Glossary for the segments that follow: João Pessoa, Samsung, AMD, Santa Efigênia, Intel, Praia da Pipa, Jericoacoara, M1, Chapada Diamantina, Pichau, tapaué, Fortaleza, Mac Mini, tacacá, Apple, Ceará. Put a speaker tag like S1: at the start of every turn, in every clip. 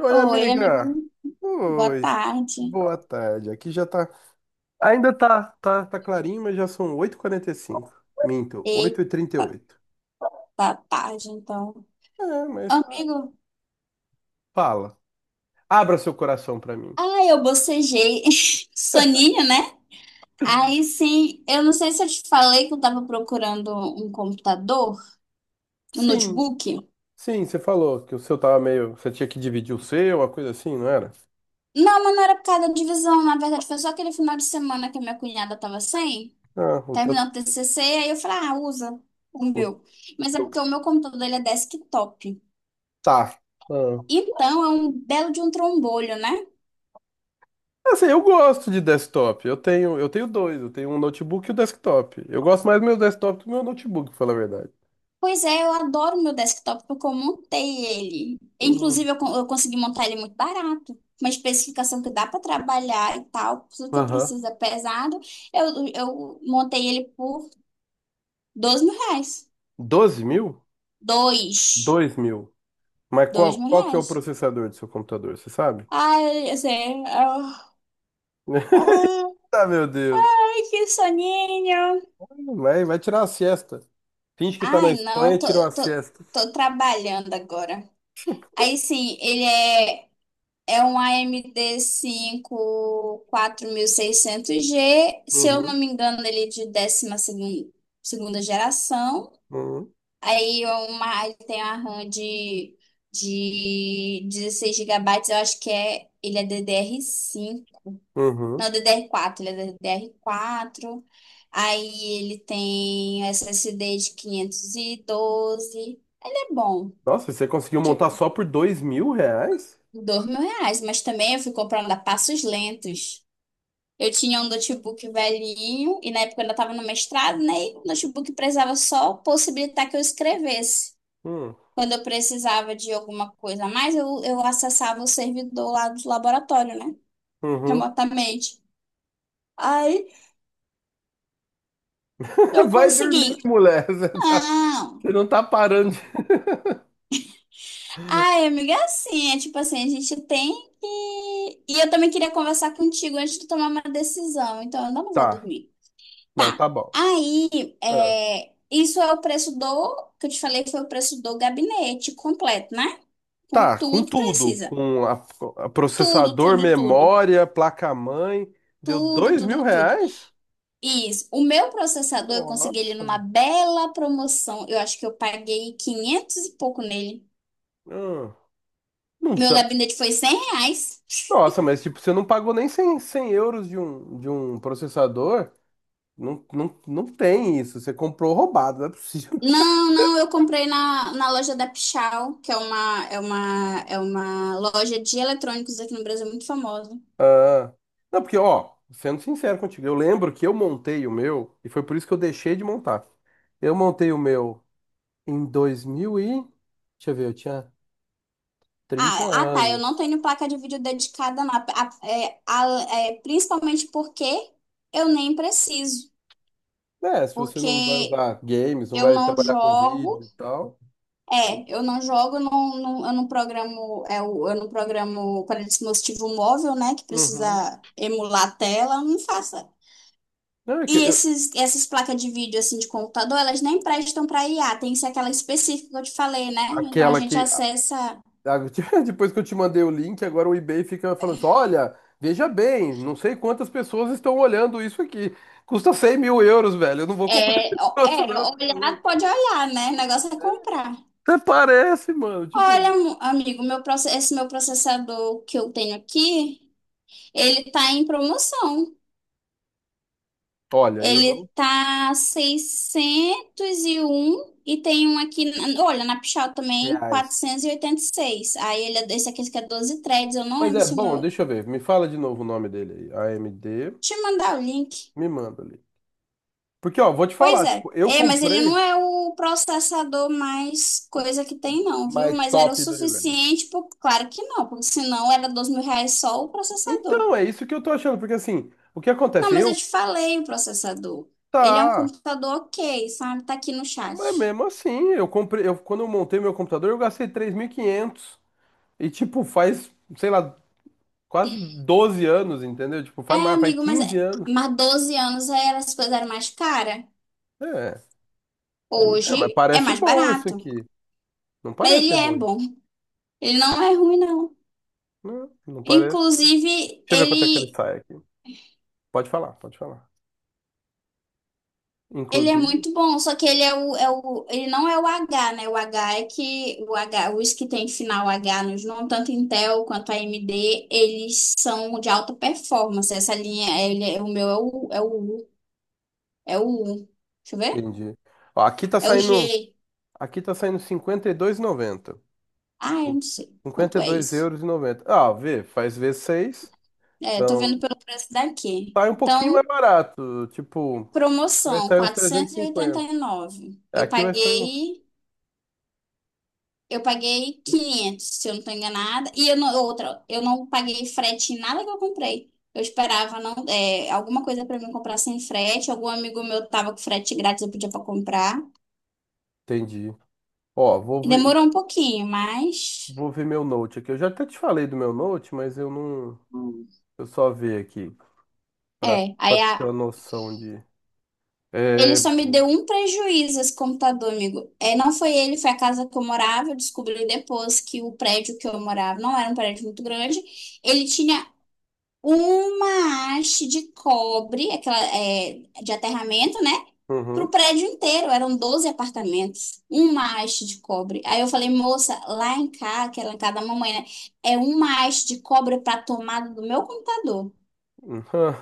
S1: Oi,
S2: Oi,
S1: amiga.
S2: amigo. Boa
S1: Oi.
S2: tarde.
S1: Boa tarde. Aqui já tá. Ainda tá clarinho, mas já são 8h45. Minto, oito e trinta e
S2: Eita,
S1: oito
S2: tá tarde, então.
S1: É, mas tá.
S2: Amigo,
S1: Fala. Abra seu coração pra mim.
S2: eu bocejei. Soninho, né? Aí sim, eu não sei se eu te falei que eu tava procurando um computador, um
S1: Sim,
S2: notebook.
S1: sim, você falou que o seu tava meio. Você tinha que dividir o seu, uma coisa assim, não era?
S2: Não, mas não era por causa da divisão. Na verdade, foi só aquele final de semana que a minha cunhada tava sem,
S1: Ah, o
S2: terminou
S1: teu.
S2: o TCC, aí eu falei, ah, usa o
S1: O
S2: meu. Mas é
S1: teu.
S2: porque o meu computador, ele é desktop.
S1: Tá. Ah.
S2: Então, é um belo de um trombolho, né?
S1: Assim, eu gosto de desktop. Eu tenho dois. Eu tenho um notebook e o desktop. Eu gosto mais do meu desktop do que do meu notebook, pra falar a verdade.
S2: Pois é, eu adoro meu desktop porque eu montei ele.
S1: Hum.
S2: Inclusive, eu consegui montar ele muito barato. Uma especificação que dá para trabalhar e tal, tudo que eu
S1: Aham.
S2: preciso é pesado. Eu montei ele por R$ 2.000.
S1: 12 mil?
S2: Dois.
S1: Dois mil. Mas
S2: Dois
S1: qual,
S2: mil
S1: qual que é o
S2: reais.
S1: processador do seu computador, você sabe?
S2: Ai, assim, ah,
S1: Ah, meu Deus.
S2: ai, que soninho.
S1: Vai tirar uma siesta. Finge que tá na
S2: Ai,
S1: Espanha
S2: não,
S1: e tira uma
S2: tô,
S1: siesta.
S2: tô trabalhando agora. Aí sim, ele é. É um AMD 5 600G, se eu não
S1: Uhum,
S2: me engano. Ele é de segunda geração.
S1: uhum,
S2: Ele tem a RAM de 16 GB, eu acho que é. Ele é ddr cinco,
S1: uhum.
S2: não, ddr quatro. Ele é ddr quatro. Aí ele tem SSD de 512. Ele é bom,
S1: Nossa, você conseguiu montar
S2: tipo,
S1: só por 2.000 reais?
S2: R$ 2.000, mas também eu fui comprando a passos lentos. Eu tinha um notebook velhinho, e na época eu ainda estava no mestrado, né? E o notebook precisava só possibilitar que eu escrevesse.
S1: Hum.
S2: Quando eu precisava de alguma coisa a mais, eu acessava o servidor lá do laboratório, né?
S1: Uhum.
S2: Remotamente. Aí eu
S1: Vai dormir,
S2: consegui.
S1: mulher. Você tá-
S2: Não.
S1: você não tá parando de...
S2: Ai, amiga, é assim, é tipo assim, a gente tem que. E eu também queria conversar contigo antes de tomar uma decisão, então eu não vou
S1: Tá.
S2: dormir.
S1: Não,
S2: Tá.
S1: tá bom.
S2: Aí,
S1: Ah.
S2: isso é o preço do, que eu te falei, foi o preço do gabinete completo, né? Com
S1: Tá, com
S2: tudo que
S1: tudo,
S2: precisa.
S1: com a
S2: Tudo,
S1: processador,
S2: tudo, tudo.
S1: memória, placa-mãe, deu
S2: Tudo,
S1: dois mil
S2: tudo, tudo.
S1: reais?
S2: Isso. O meu processador, eu consegui ele
S1: Nossa,
S2: numa bela promoção. Eu acho que eu paguei 500 e pouco nele.
S1: hum, não
S2: Meu
S1: tá.
S2: gabinete foi R$ 100.
S1: Nossa, mas tipo, você não pagou nem cem euros de um processador? Não, não, não tem isso, você comprou roubado, não é possível.
S2: Não, não, eu comprei na loja da Pichau, que é uma loja de eletrônicos aqui no Brasil muito famosa.
S1: Ah, não, porque, ó, sendo sincero contigo, eu lembro que eu montei o meu, e foi por isso que eu deixei de montar. Eu montei o meu em 2000 e... Deixa eu ver, eu tinha trinta
S2: Tá. Eu não
S1: anos.
S2: tenho placa de vídeo dedicada, não. Principalmente porque eu nem preciso.
S1: É, se você não vai
S2: Porque
S1: usar games, não
S2: eu
S1: vai
S2: não
S1: trabalhar com
S2: jogo.
S1: vídeo e tal.
S2: É, eu não jogo, não, eu não programo. Eu não programo para dispositivo móvel, né? Que
S1: Uhum.
S2: precisa emular a tela, eu não faço.
S1: Não, é que
S2: E essas placas de vídeo assim de computador, elas nem prestam para IA, tem que ser aquela específica que eu te falei, né? Então a
S1: aquela
S2: gente
S1: que.
S2: acessa.
S1: A- Depois que eu te mandei o link, agora o eBay fica falando assim: olha, veja bem, não sei quantas pessoas estão olhando isso aqui. Custa 100 mil euros, velho. Eu não vou comprar esse
S2: Ó,
S1: troço, não. Você tá
S2: olhar
S1: louco.
S2: pode olhar, né? O negócio é comprar.
S1: Até parece, mano. Tipo,
S2: Olha, amigo, esse meu processador que eu tenho aqui, ele tá em promoção.
S1: olha, eu
S2: Ele
S1: não.
S2: tá 601, e tem um aqui, olha, na Pichau também,
S1: Reais.
S2: quatrocentos e oitenta e seis. Aí ele é esse aqui que é 12 threads, eu não
S1: Mas
S2: lembro
S1: é
S2: se o
S1: bom,
S2: meu.
S1: deixa eu ver. Me fala de novo o nome dele aí. AMD,
S2: Deixa eu mandar o link.
S1: me manda ali. Porque, ó, vou te
S2: Pois
S1: falar,
S2: é.
S1: tipo, eu
S2: É, mas ele não
S1: comprei
S2: é o processador mais coisa que tem não, viu?
S1: mais
S2: Mas era o
S1: top do universo.
S2: suficiente, pro, claro que não, porque senão era R$ 2.000 só o processador.
S1: Então, é isso que eu tô achando, porque assim, o que
S2: Não,
S1: acontece?
S2: mas eu
S1: Eu,
S2: te falei o processador. Ele é um
S1: tá,
S2: computador ok, sabe? Tá aqui no
S1: mas
S2: chat.
S1: mesmo assim, eu comprei, eu, quando eu montei meu computador, eu gastei 3.500 e quinhentos, e tipo, faz, sei lá, quase 12 anos, entendeu? Tipo,
S2: É,
S1: faz mais, faz
S2: amigo, mas,
S1: 15 anos.
S2: mas 12 anos era, as coisas eram mais caras.
S1: É, aí me deu, mas
S2: Hoje é
S1: parece
S2: mais
S1: bom esse
S2: barato.
S1: aqui. Não
S2: Mas ele
S1: parece
S2: é
S1: ruim,
S2: bom. Ele não é ruim, não.
S1: não, não parece.
S2: Inclusive,
S1: Deixa eu ver quanto é que ele
S2: ele,
S1: sai aqui. Pode falar, pode falar.
S2: ele é
S1: Inclusive,
S2: muito bom, só que ele é ele não é o H, né? O H é que o H, Os que tem final H nos nomes, tanto Intel quanto a AMD, eles são de alta performance. Essa linha, o meu é o. É o U. Deixa eu ver.
S1: entendi. Ó, aqui tá
S2: É o
S1: saindo,
S2: G.
S1: aqui tá saindo 52,90.
S2: Ah, eu não sei
S1: cinquenta
S2: quanto
S1: e
S2: é
S1: dois
S2: isso.
S1: euros e noventa Ah, vê, faz vezes seis.
S2: É, tô
S1: Então,
S2: vendo pelo preço daqui.
S1: sai um pouquinho
S2: Então,
S1: mais barato. Tipo, vai
S2: promoção,
S1: sair uns
S2: quatrocentos e oitenta
S1: 350.
S2: e nove. Eu
S1: Aqui vai sair uns.
S2: paguei, eu paguei 500, se eu não tô enganada. E eu não, Outra, eu não paguei frete em nada que eu comprei. Eu esperava não, alguma coisa para mim comprar sem frete. Algum amigo meu tava com frete grátis, eu podia para comprar.
S1: Entendi. Ó, vou
S2: E
S1: ver,
S2: demorou um pouquinho, mas
S1: vou ver meu Note aqui. Eu já até te falei do meu Note, mas eu não. Eu só ver aqui. Pra,
S2: é.
S1: pra
S2: Aí
S1: ter uma
S2: a.
S1: noção de.
S2: Ele
S1: É.
S2: só me deu um prejuízo, esse computador, amigo. É, não foi ele, foi a casa que eu morava. Eu descobri depois que o prédio que eu morava não era um prédio muito grande. Ele tinha uma haste de cobre, aquela, de aterramento, né? Pro
S1: Uhum.
S2: prédio inteiro. Eram 12 apartamentos. Uma haste de cobre. Aí eu falei, moça, lá em casa, que era lá em casa da mamãe, né? É uma haste de cobre pra tomada do meu computador.
S1: Uhum.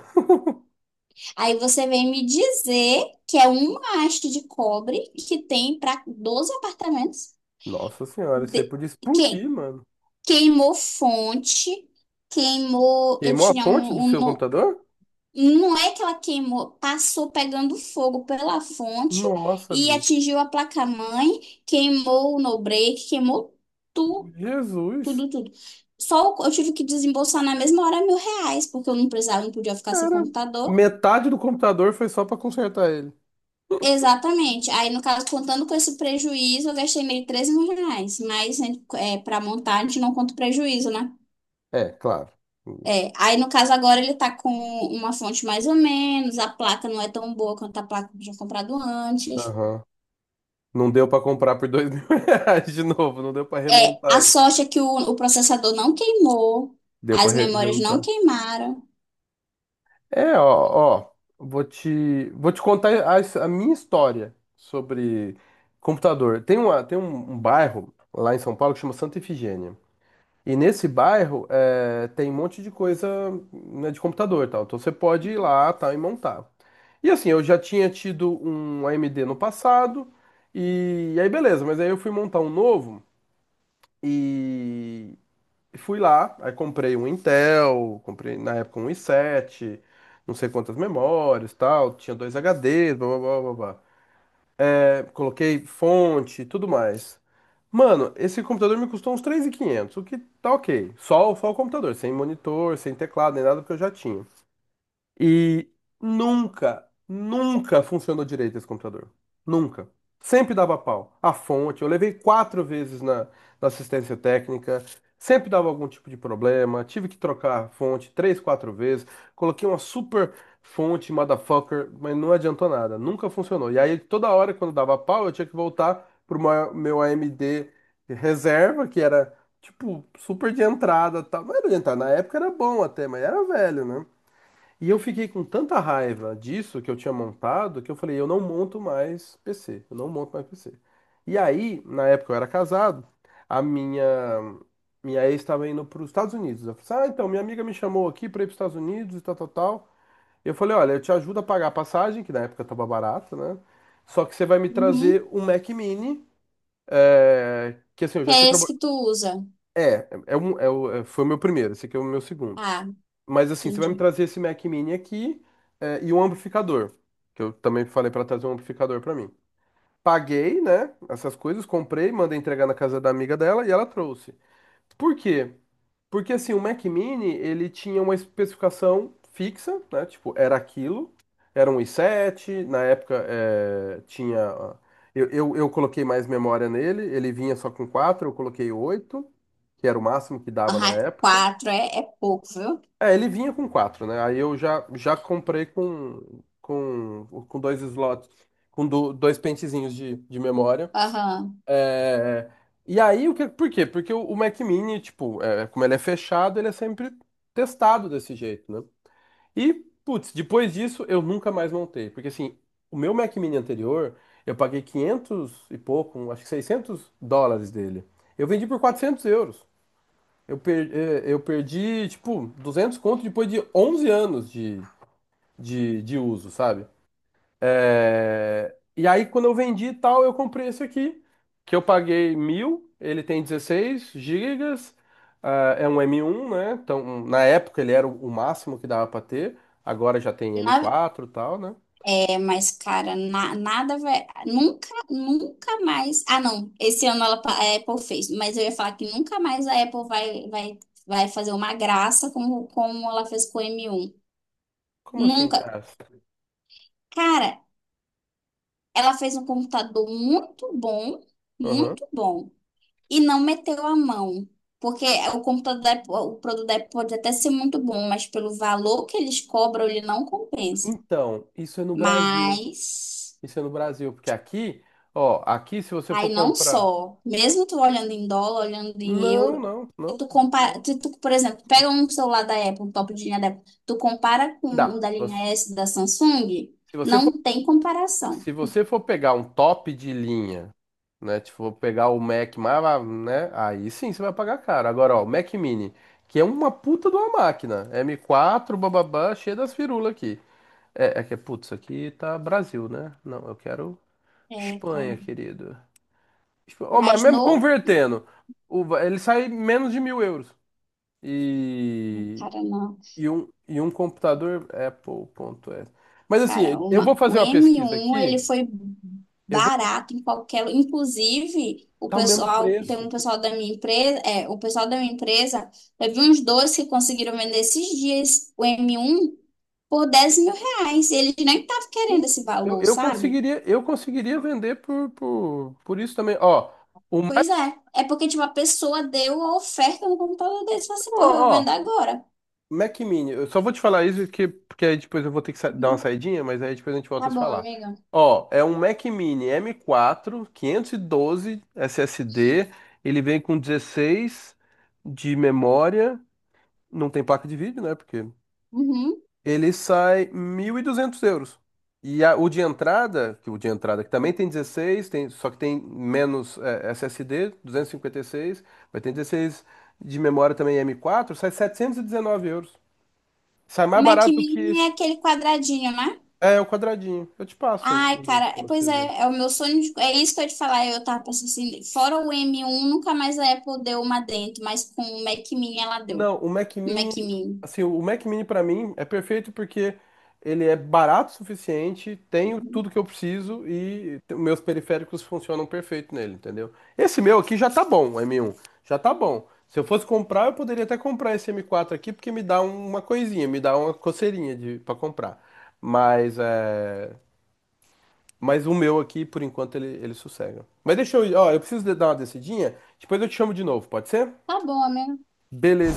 S2: Aí você vem me dizer que é uma haste de cobre que tem para 12 apartamentos.
S1: Nossa senhora, isso aí
S2: De...
S1: podia
S2: Que...
S1: explodir, mano.
S2: Queimou fonte, queimou. Eu
S1: Queimou a
S2: tinha
S1: fonte do
S2: um, um
S1: seu
S2: no-
S1: computador?
S2: Não é que ela queimou, passou pegando fogo pela fonte
S1: Nossa,
S2: e
S1: Bi.
S2: atingiu a placa-mãe, queimou o no-break, queimou tudo,
S1: Jesus.
S2: tudo, tudo. Eu tive que desembolsar na mesma hora R$ 1.000, porque eu não precisava, não podia ficar sem
S1: Cara,
S2: computador.
S1: metade do computador foi só pra consertar ele.
S2: Exatamente. Aí, no caso, contando com esse prejuízo, eu gastei meio 13 mil reais. Mas né, para montar, a gente não conta o prejuízo, né?
S1: É, claro.
S2: É, aí, no caso, agora ele tá com uma fonte mais ou menos, a placa não é tão boa quanto a placa que eu tinha comprado antes.
S1: Aham. Não deu pra comprar por dois mil reais de novo, não deu pra
S2: É, a
S1: remontar ele.
S2: sorte é que o processador não queimou,
S1: Deu pra
S2: as memórias não
S1: reusar.
S2: queimaram.
S1: É, ó, ó, vou te contar a minha história sobre computador. Tem um bairro lá em São Paulo que chama Santa Efigênia. E nesse bairro é, tem um monte de coisa, né, de computador e tal. Então você pode ir lá tal, e montar. E assim, eu já tinha tido um AMD no passado, e aí beleza, mas aí eu fui montar um novo e fui lá, aí comprei um Intel, comprei na época um i7, não sei quantas memórias, tal, tinha dois HDs, blá blá blá blá blá, é, coloquei fonte, tudo mais. Mano, esse computador me custou uns 3.500, o que tá ok. Só, só o computador, sem monitor, sem teclado, nem nada, porque eu já tinha. E nunca, nunca funcionou direito esse computador. Nunca. Sempre dava pau. A fonte, eu levei quatro vezes na assistência técnica, sempre dava algum tipo de problema. Tive que trocar a fonte três, quatro vezes. Coloquei uma super fonte, motherfucker, mas não adiantou nada. Nunca funcionou. E aí, toda hora, quando dava pau, eu tinha que voltar pro meu AMD reserva, que era, tipo, super de entrada, e tal. Não era de entrada, na época era bom até, mas era velho, né? E eu fiquei com tanta raiva disso que eu tinha montado que eu falei, eu não monto mais PC, eu não monto mais PC. E aí, na época eu era casado, a minha ex estava indo para os Estados Unidos. Eu falei, assim, ah, então minha amiga me chamou aqui para ir para os Estados Unidos e tal, tal, tal. Eu falei, olha, eu te ajudo a pagar a passagem, que na época estava barato, né? Só que você vai me trazer
S2: Uhum.
S1: um Mac Mini, é, que assim, eu
S2: Que
S1: já tinha
S2: é esse que
S1: trabalhado.
S2: tu usa?
S1: Foi o meu primeiro, esse aqui é o meu segundo.
S2: Ah,
S1: Mas assim, você vai me
S2: entendi.
S1: trazer esse Mac Mini aqui, é, e um amplificador, que eu também falei pra trazer um amplificador pra mim. Paguei, né, essas coisas, comprei, mandei entregar na casa da amiga dela e ela trouxe. Por quê? Porque assim, o Mac Mini, ele tinha uma especificação fixa, né, tipo, era aquilo, era um i7, na época é, tinha... Ó, Eu coloquei mais memória nele, ele vinha só com quatro, eu coloquei oito, que era o máximo que dava na
S2: Ah,
S1: época.
S2: 4 é pouco, viu?
S1: É, ele vinha com quatro, né? Aí eu já comprei com, com dois slots, com dois pentezinhos de memória.
S2: Aham.
S1: É, e aí, o que, por quê? Porque o Mac Mini, tipo, é, como ele é fechado, ele é sempre testado desse jeito, né? E, putz, depois disso eu nunca mais montei. Porque, assim, o meu Mac Mini anterior, eu paguei 500 e pouco, acho que 600 dólares dele. Eu vendi por 400 euros. Eu perdi, tipo, 200 conto depois de 11 anos de uso, sabe? É, e aí, quando eu vendi e tal, eu comprei esse aqui, que eu paguei mil, ele tem 16 gigas, ah, é um M um, né? Então, na época ele era o máximo que dava pra ter, agora já tem M quatro e tal, né?
S2: É, mas, cara, nada vai. Nunca, nunca mais. Ah, não. Esse ano a Apple fez. Mas eu ia falar que nunca mais a Apple vai fazer uma graça como ela fez com o M1.
S1: Como assim,
S2: Nunca.
S1: graça?
S2: Cara, ela fez um computador muito bom,
S1: Aham.
S2: muito bom. E não meteu a mão. Porque o computador da Apple, o produto da Apple pode até ser muito bom, mas pelo valor que eles cobram, ele não compensa.
S1: Então, isso é no Brasil.
S2: Mas.
S1: Isso é no Brasil, porque aqui, ó, aqui se você
S2: Aí
S1: for
S2: não
S1: comprar.
S2: só, mesmo tu olhando em dólar, olhando em
S1: Não,
S2: euro,
S1: não, não, não.
S2: se tu, por exemplo, pega um celular da Apple, um top de linha da Apple, tu compara com o
S1: Dá.
S2: da linha S da Samsung,
S1: Se você for,
S2: não tem comparação.
S1: se você for pegar um top de linha, né? Tipo, vou pegar o Mac mais, ah, né? Aí sim você vai pagar caro. Agora, ó, o Mac Mini, que é uma puta de uma máquina. M quatro, bababá, cheio das firulas aqui. É, é que, putz, isso aqui tá Brasil, né? Não, eu quero
S2: É,
S1: Espanha,
S2: cara.
S1: querido. Ó, mas
S2: Mas
S1: mesmo
S2: no,
S1: convertendo, ele sai menos de mil euros. E,
S2: cara, não.
S1: e um computador Apple ponto Apple.es. Mas
S2: Cara,
S1: assim, eu vou
S2: o
S1: fazer uma
S2: m
S1: pesquisa
S2: um
S1: aqui,
S2: ele foi
S1: eu vou
S2: barato em qualquer, inclusive o
S1: tá o mesmo
S2: pessoal. Tem
S1: preço.
S2: um pessoal da minha empresa, teve uns dois que conseguiram vender esses dias o M1 por R$ 10.000. E eles nem estavam
S1: Sim,
S2: querendo esse
S1: eu,
S2: valor,
S1: eu
S2: sabe?
S1: conseguiria vender por isso também. Ó, o mais,
S2: Pois é, é porque tipo, a pessoa deu a oferta no computador deles e falou assim, pô, eu vou
S1: ó,
S2: vender
S1: ó,
S2: agora.
S1: Mac Mini, eu só vou te falar isso porque, aí depois eu vou ter que dar uma
S2: Uhum.
S1: saidinha, mas aí depois a gente volta
S2: Tá
S1: a se
S2: bom,
S1: falar.
S2: amiga.
S1: Ó, é um Mac Mini M4, 512 SSD, ele vem com 16 de memória, não tem placa de vídeo, né? Porque
S2: Uhum.
S1: ele sai 1.200 euros. O de entrada, que o de entrada que também tem 16, tem, só que tem menos é, S S D, 256, vai ter 16 de memória também, M quatro, sai 719 euros. Sai mais
S2: Mac
S1: barato do que
S2: Mini é
S1: esse.
S2: aquele quadradinho, né?
S1: É o quadradinho. Eu te passo o
S2: Ai,
S1: link
S2: cara,
S1: para
S2: pois
S1: você ver.
S2: é, é o meu sonho, é isso que eu ia te falar, eu tava pensando assim, fora o M1, nunca mais a Apple deu uma dentro, mas com o Mac Mini ela deu,
S1: Não, o Mac
S2: o Mac
S1: Mini,
S2: Mini.
S1: assim, o Mac Mini pra mim é perfeito porque ele é barato o suficiente, tenho tudo que eu preciso e meus periféricos funcionam perfeito nele, entendeu? Esse meu aqui já tá bom, o M1, já tá bom. Se eu fosse comprar, eu poderia até comprar esse M4 aqui porque me dá uma coisinha, me dá uma coceirinha de para comprar. Mas é, mas o meu aqui por enquanto ele sossega. Mas deixa eu ir, ó, eu preciso dar uma descidinha, depois eu te chamo de novo, pode ser?
S2: Tá bom, né?